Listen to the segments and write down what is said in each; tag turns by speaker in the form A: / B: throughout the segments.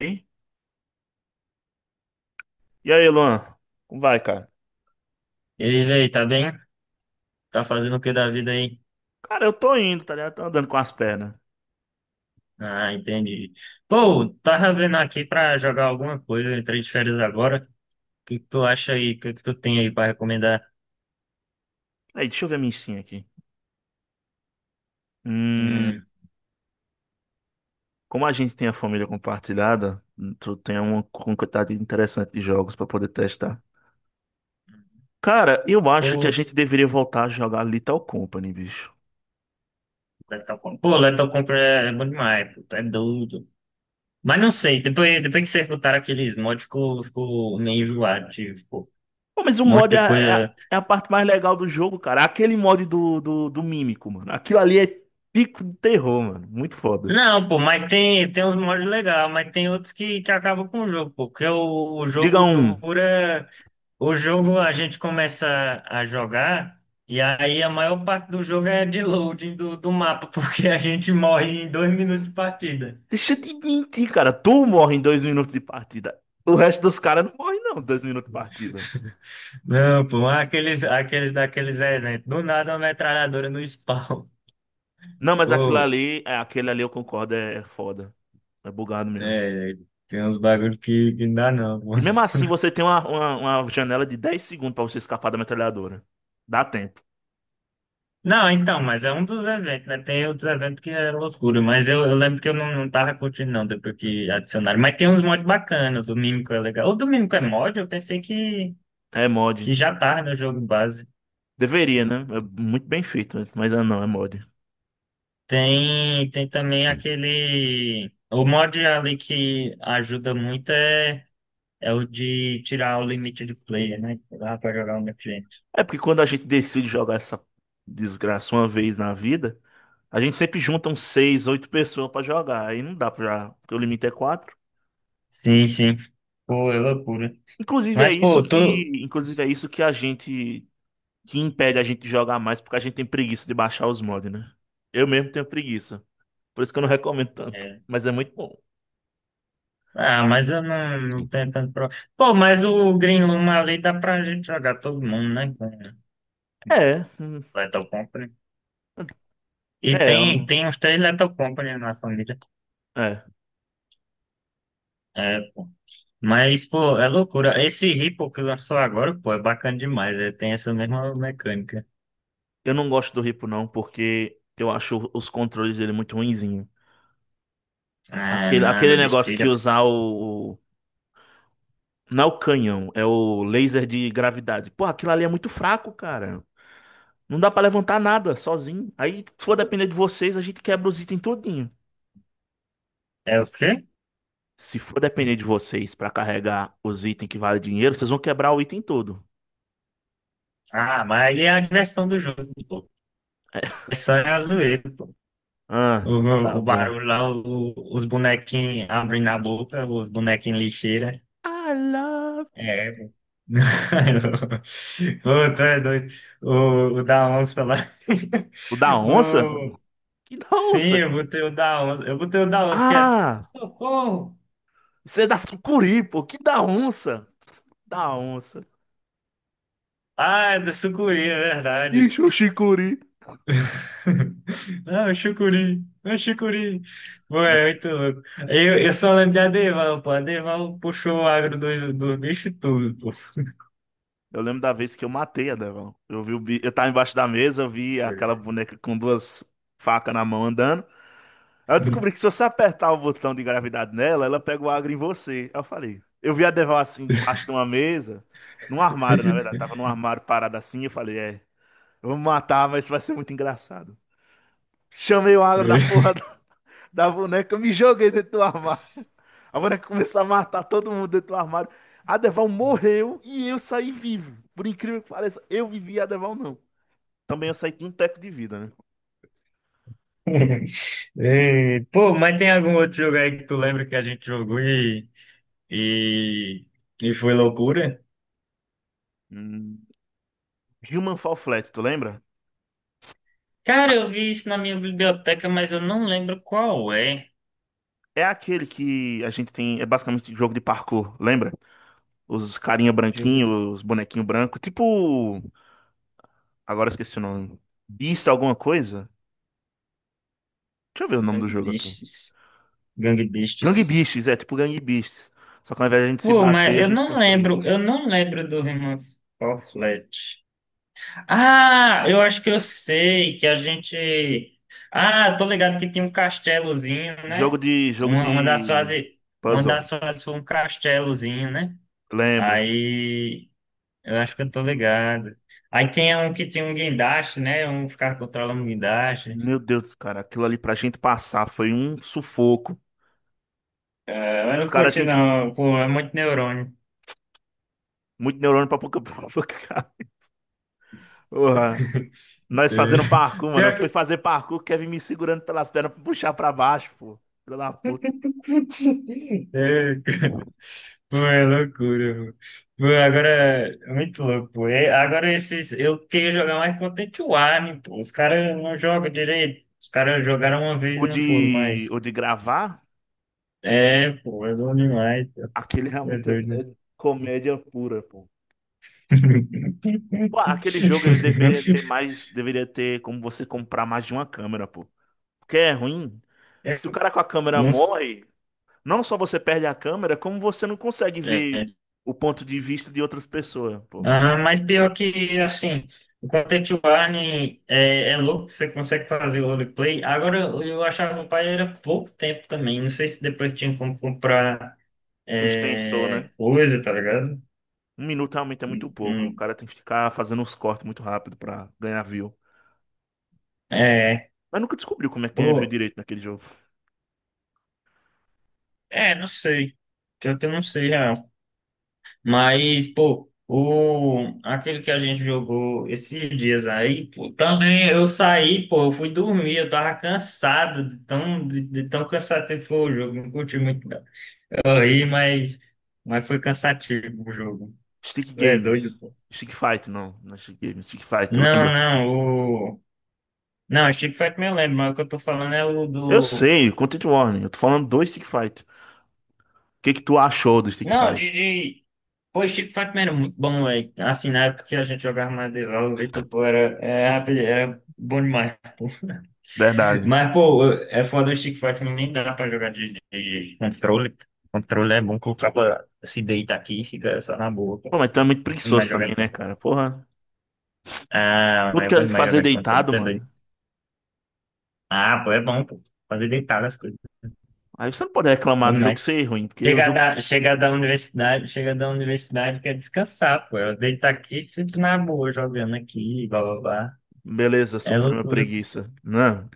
A: Hein? E aí, Luan? Como vai, cara?
B: E aí, véi, tá bem? Tá fazendo o que da vida aí?
A: Cara, eu tô indo, tá ligado? Tô andando com as pernas.
B: Ah, entendi. Pô, tava vendo aqui pra jogar alguma coisa, eu entrei de férias agora. O que que tu acha aí? O que que tu tem aí pra recomendar?
A: Aí, deixa eu ver a minha sim aqui. Hum,
B: Hum,
A: como a gente tem a família compartilhada, tu tem uma quantidade interessante de jogos pra poder testar. Cara, eu acho que a
B: Pô,
A: gente deveria voltar a jogar Lethal Company, bicho.
B: Lethal Company. Pô, Lethal Company é bom demais, pô, tu é doido. Mas não sei, depois que vocês botaram aqueles mods, ficou meio enjoado, tipo, pô,
A: Pô, mas o
B: um monte
A: mod
B: de coisa.
A: é a parte mais legal do jogo, cara. Aquele mod do Mímico, mano. Aquilo ali é pico de terror, mano. Muito foda.
B: Não, pô, mas tem uns mods legais, mas tem outros que acabam com o jogo, pô, porque o
A: Diga
B: jogo
A: um.
B: dura. O jogo a gente começa a jogar, e aí a maior parte do jogo é de loading do mapa, porque a gente morre em 2 minutos de partida.
A: Deixa de mentir, cara. Tu morre em 2 minutos de partida. O resto dos caras não morre, não, 2 minutos de partida.
B: Não, pô, aqueles daqueles eventos. Do nada uma metralhadora no spawn.
A: Não, mas aquilo
B: Pô,
A: ali, é, aquele ali eu concordo, é, é foda. É bugado mesmo.
B: é, tem uns bagulho que não dá não, pô.
A: E mesmo assim, você tem uma janela de 10 segundos pra você escapar da metralhadora. Dá tempo.
B: Não, então, mas é um dos eventos, né? Tem outros eventos que é loucura, mas eu lembro que eu não tava curtindo, não, depois que adicionaram. Mas tem uns mods bacanas, o do Mímico é legal. O do Mímico é mod? Eu pensei que.
A: É mod.
B: que já tá, né, no jogo base.
A: Deveria, né? É muito bem feito, né? Mas ah, não, é mod.
B: Tem também aquele. O mod ali que ajuda muito é o de tirar o limite de player, né? Lá pra jogar o meu cliente.
A: É porque quando a gente decide jogar essa desgraça uma vez na vida, a gente sempre junta uns 6 8 pessoas pra jogar. Aí não dá pra. Porque o limite é quatro.
B: Sim, sim. Pô, é loucura.
A: Inclusive é
B: Mas,
A: isso
B: pô, tu.
A: que, inclusive é isso que a gente que impede a gente de jogar mais, porque a gente tem preguiça de baixar os mods, né? Eu mesmo tenho preguiça. Por isso que eu não recomendo tanto,
B: É.
A: mas é muito bom.
B: Ah, mas eu não tenho tanto problema. Pô, mas o Green Room ali dá pra gente jogar todo mundo, né? Com
A: É, hum,
B: Lethal Company. E
A: é,
B: tem,
A: eu-
B: tem uns três Lethal Company na família.
A: é.
B: É. Mas, pô, é loucura. Esse Ripple que lançou agora, pô, é bacana demais. Ele tem essa mesma mecânica.
A: Eu não gosto do Ripo não, porque eu acho os controles dele muito ruinzinho.
B: Ah,
A: Aquele, aquele
B: nada,
A: negócio que
B: besteira.
A: usar o não é o canhão, é o laser de gravidade. Pô, aquilo ali é muito fraco, cara. Não dá pra levantar nada sozinho. Aí, se for depender de vocês, a gente quebra os itens todinho.
B: É o quê?
A: Se for depender de vocês pra carregar os itens que valem dinheiro, vocês vão quebrar o item todo.
B: Ah, mas aí é a diversão do jogo, pô. É só a zoeira, pô.
A: Ah,
B: O,
A: tá
B: o
A: bom.
B: barulho lá, os bonequinhos abrindo a boca, os bonequinhos lixeira.
A: I love.
B: É, pô. Pô, tu é doido. O da onça lá.
A: O da onça?
B: O,
A: Que da
B: sim,
A: onça?
B: eu botei o da onça. Eu botei o da onça, que é.
A: Ah,
B: Socorro!
A: isso é da sucuri, pô. Que da onça? Da onça.
B: Ah, é do sucuri, é verdade.
A: Ixi, o chicuri.
B: Ah, é chucuri, é chucuri. Ué,
A: Mas
B: é muito louco. Eu só lembro de Adeval, pô. Adeval puxou o agro dos bichos tudo, pô.
A: eu lembro da vez que eu matei a Devon. Eu vi o bi... Eu tava embaixo da mesa, eu vi aquela boneca com duas facas na mão andando. Aí eu descobri que se você apertar o botão de gravidade nela, ela pega o agro em você. Aí eu falei. Eu vi a Deval assim, debaixo de uma mesa, num armário, na verdade. Tava num armário parada assim. Eu falei, eu vou me matar, mas isso vai ser muito engraçado. Chamei o agro da
B: É.
A: porra da boneca, me joguei dentro do armário. A boneca começou a matar todo mundo dentro do armário. A Deval morreu e eu saí vivo. Por incrível que pareça, eu vivi e a Deval não. Também eu saí com um teco de vida, né?
B: É. Pô, mas tem algum outro jogo aí que tu lembra que a gente jogou e, e foi loucura?
A: Hum. Human Fall Flat, tu lembra?
B: Cara, eu vi isso na minha biblioteca, mas eu não lembro qual é.
A: É aquele que a gente tem, é basicamente jogo de parkour, lembra? Os carinha
B: Jogo de
A: branquinho, os bonequinho branco, tipo, agora eu esqueci o nome. Beast alguma coisa? Deixa eu ver o nome do
B: Gang
A: jogo aqui.
B: Beasts. Gang
A: Gang
B: Beasts.
A: Beasts, é tipo Gang Beasts. Só que ao invés de a gente se
B: Pô, mas
A: bater, a
B: eu
A: gente
B: não
A: construir.
B: lembro, eu não lembro do Human Fall Flat. Ah, eu acho que eu sei que a gente. Ah, tô ligado que tinha um castelozinho,
A: Jogo
B: né?
A: de, jogo
B: Uma, uma das
A: de
B: fases, uma
A: puzzle.
B: das fases foi um castelozinho, né?
A: Lembro.
B: Aí, eu acho que eu tô ligado. Aí tem um que tinha um guindaste, né? Um ficar controlando o guindaste.
A: Meu Deus, cara, aquilo ali pra gente passar foi um sufoco.
B: Eu
A: Os
B: não
A: caras
B: curti,
A: têm que
B: não, pô, é muito neurônio.
A: muito neurônio pra pouca pra pouca. Nós
B: É,
A: fazendo parkour, mano. Eu
B: pior
A: fui
B: que.
A: fazer parkour, o Kevin me segurando pelas pernas pra puxar pra baixo, pô. Filho da puta.
B: É. Pô, é loucura, pô. Pô, agora é muito louco, pô. É, agora esses. Eu queria jogar mais Content Warning, pô. Os caras não jogam direito. Os caras jogaram uma vez
A: O
B: e não foram
A: de,
B: mais.
A: o de gravar,
B: É, pô, é bom demais, pô.
A: aquele
B: É
A: realmente é
B: doido.
A: é comédia pura, pô. Pô, aquele jogo ele deveria ter mais, deveria ter como você comprar mais de uma câmera, pô. Porque é ruim que se o cara com a câmera
B: Não sei.
A: morre, não só você perde a câmera, como você não consegue ver o ponto de vista de outras pessoas, pô.
B: Ah, mas pior que, assim, o Content Warning é louco, você consegue fazer o roleplay. Agora, eu achava o pai era pouco tempo também. Não sei se depois tinha como comprar.
A: O extensor,
B: É,
A: né?
B: coisa, tá ligado?
A: 1 minuto realmente é muito pouco. O
B: Hum.
A: cara tem que ficar fazendo uns cortes muito rápido pra ganhar view.
B: É,
A: Mas nunca descobriu como é que ganha view
B: pô,
A: direito naquele jogo.
B: é, não sei. Pior que eu não sei, real. Mas, pô, aquele que a gente jogou esses dias aí, pô, também eu saí, pô, eu fui dormir, eu tava cansado, de tão cansativo que foi o jogo, não curti muito, não. Eu ri, mas foi cansativo o jogo.
A: Stick
B: É doido,
A: Games.
B: pô.
A: Stick Fight, não. Não é Stick Games, é Stick Fight,
B: Não,
A: lembra?
B: não, o. Não, Street Fighter eu lembro, mas o que eu tô falando é o
A: Eu
B: do.
A: sei, Content Warning. Eu tô falando do Stick Fight. O que que tu achou do Stick
B: Não,
A: Fight?
B: de. Pô, Street Fighter Man era muito bom, velho. Assim, na época que a gente jogava mais de LOL, então, pô, era, é, rapaz, era bom demais, pô.
A: Verdade.
B: Mas, pô, é foda o Street Fighter, nem dá pra jogar de, de controle. Controle é bom que o cara se deita aqui e fica só na boa,
A: Pô,
B: pô.
A: mas tu é muito
B: Mas
A: preguiçoso também,
B: jogando
A: né,
B: controle.
A: cara? Porra.
B: Ah,
A: Tudo
B: é
A: que
B: bom
A: é
B: demais
A: fazer
B: jogar de controle
A: deitado,
B: também.
A: mano.
B: Ah, pô, é bom, pô. Fazer deitar as coisas.
A: Aí você não pode reclamar
B: Bom
A: do jogo
B: demais.
A: ser ruim, porque o
B: Chegar
A: jogo.
B: da, chegar da universidade, chegar da universidade quer descansar, pô. Eu deito aqui e fico na boa jogando aqui, blá blá blá.
A: Beleza,
B: É
A: suprema
B: loucura.
A: preguiça. Não.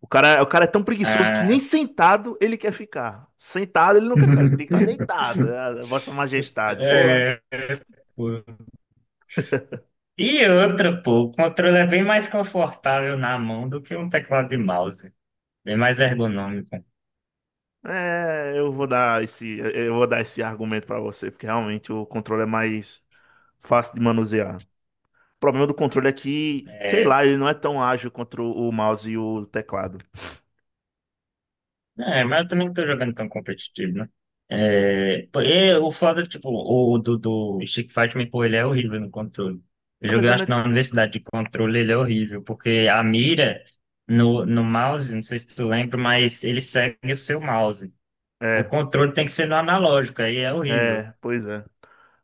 A: O cara é tão preguiçoso que nem
B: Ah,
A: sentado ele quer ficar. Sentado ele não quer ficar, ele tem que ficar deitado. Ah, Vossa Majestade, porra.
B: é, pô. E outra, pô, o controle é bem mais confortável na mão do que um teclado de mouse. Bem mais ergonômico.
A: É, eu vou dar esse argumento pra você, porque realmente o controle é mais fácil de manusear. O problema do controle é que, sei
B: É,
A: lá, ele não é tão ágil contra o mouse e o teclado.
B: é, mas eu também não tô jogando tão competitivo, né? É, pô, e o foda, é que, tipo, o do Street Fighter, pô, ele é horrível no controle. Eu
A: Não, mas
B: joguei,
A: eu não
B: acho
A: é,
B: que
A: tipo-
B: na universidade de controle ele é horrível, porque a mira no mouse, não sei se tu lembra, mas ele segue o seu mouse. O
A: é,
B: controle tem que ser no analógico, aí é horrível.
A: é, pois é.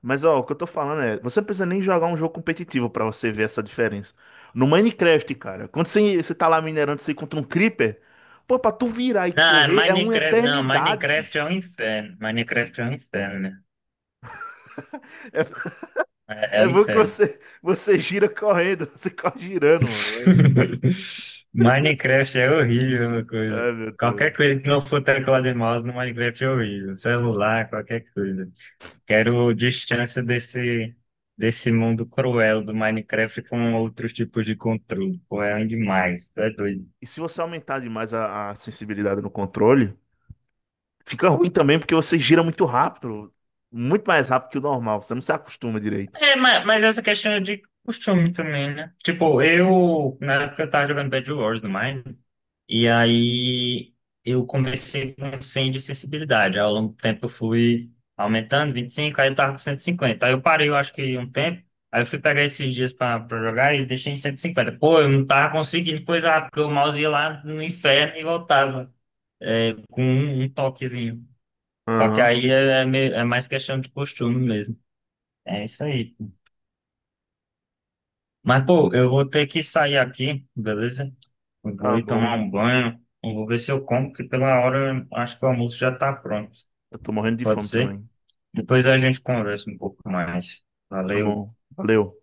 A: Mas ó, o que eu tô falando é, você não precisa nem jogar um jogo competitivo pra você ver essa diferença. No Minecraft, cara, quando você tá lá minerando, você encontra um creeper, pô, pra tu virar e
B: Não, é
A: correr é uma
B: Minecraft, não,
A: eternidade,
B: Minecraft é
A: bicho.
B: um inferno. Minecraft é um inferno, né?
A: É,
B: É, é
A: é
B: um
A: bom que
B: inferno.
A: você gira correndo, você corre girando, mano.
B: Minecraft é horrível uma coisa.
A: Ai, meu
B: Qualquer
A: Deus.
B: coisa que não for teclado e mouse no Minecraft é horrível. Celular, qualquer coisa. Quero distância desse mundo cruel do Minecraft com outros tipos de controle. Pô, é demais, tu é doido.
A: E se você aumentar demais a sensibilidade no controle, fica ruim também porque você gira muito rápido, muito mais rápido que o normal, você não se acostuma direito.
B: É, mas essa questão é de costume também, né? Tipo, eu, na época eu tava jogando Bed Wars no Mine, e aí eu comecei com 100 de sensibilidade. Ao longo do tempo eu fui aumentando, 25, aí eu tava com 150. Aí eu parei, eu acho que um tempo. Aí eu fui pegar esses dias pra, jogar e deixei em 150. Pô, eu não tava conseguindo coisar, porque o mouse ia lá no inferno e voltava é, com um toquezinho. Só que
A: Aham,
B: aí é mais questão de costume mesmo. É isso aí. Mas, pô, eu vou ter que sair aqui, beleza? Eu vou
A: tá
B: ir tomar
A: bom.
B: um banho. Eu vou ver se eu como, que pela hora eu acho que o almoço já tá pronto.
A: Eu tô morrendo de
B: Pode
A: fome
B: ser?
A: também.
B: Depois a gente conversa um pouco mais.
A: Tá
B: Valeu.
A: bom, valeu.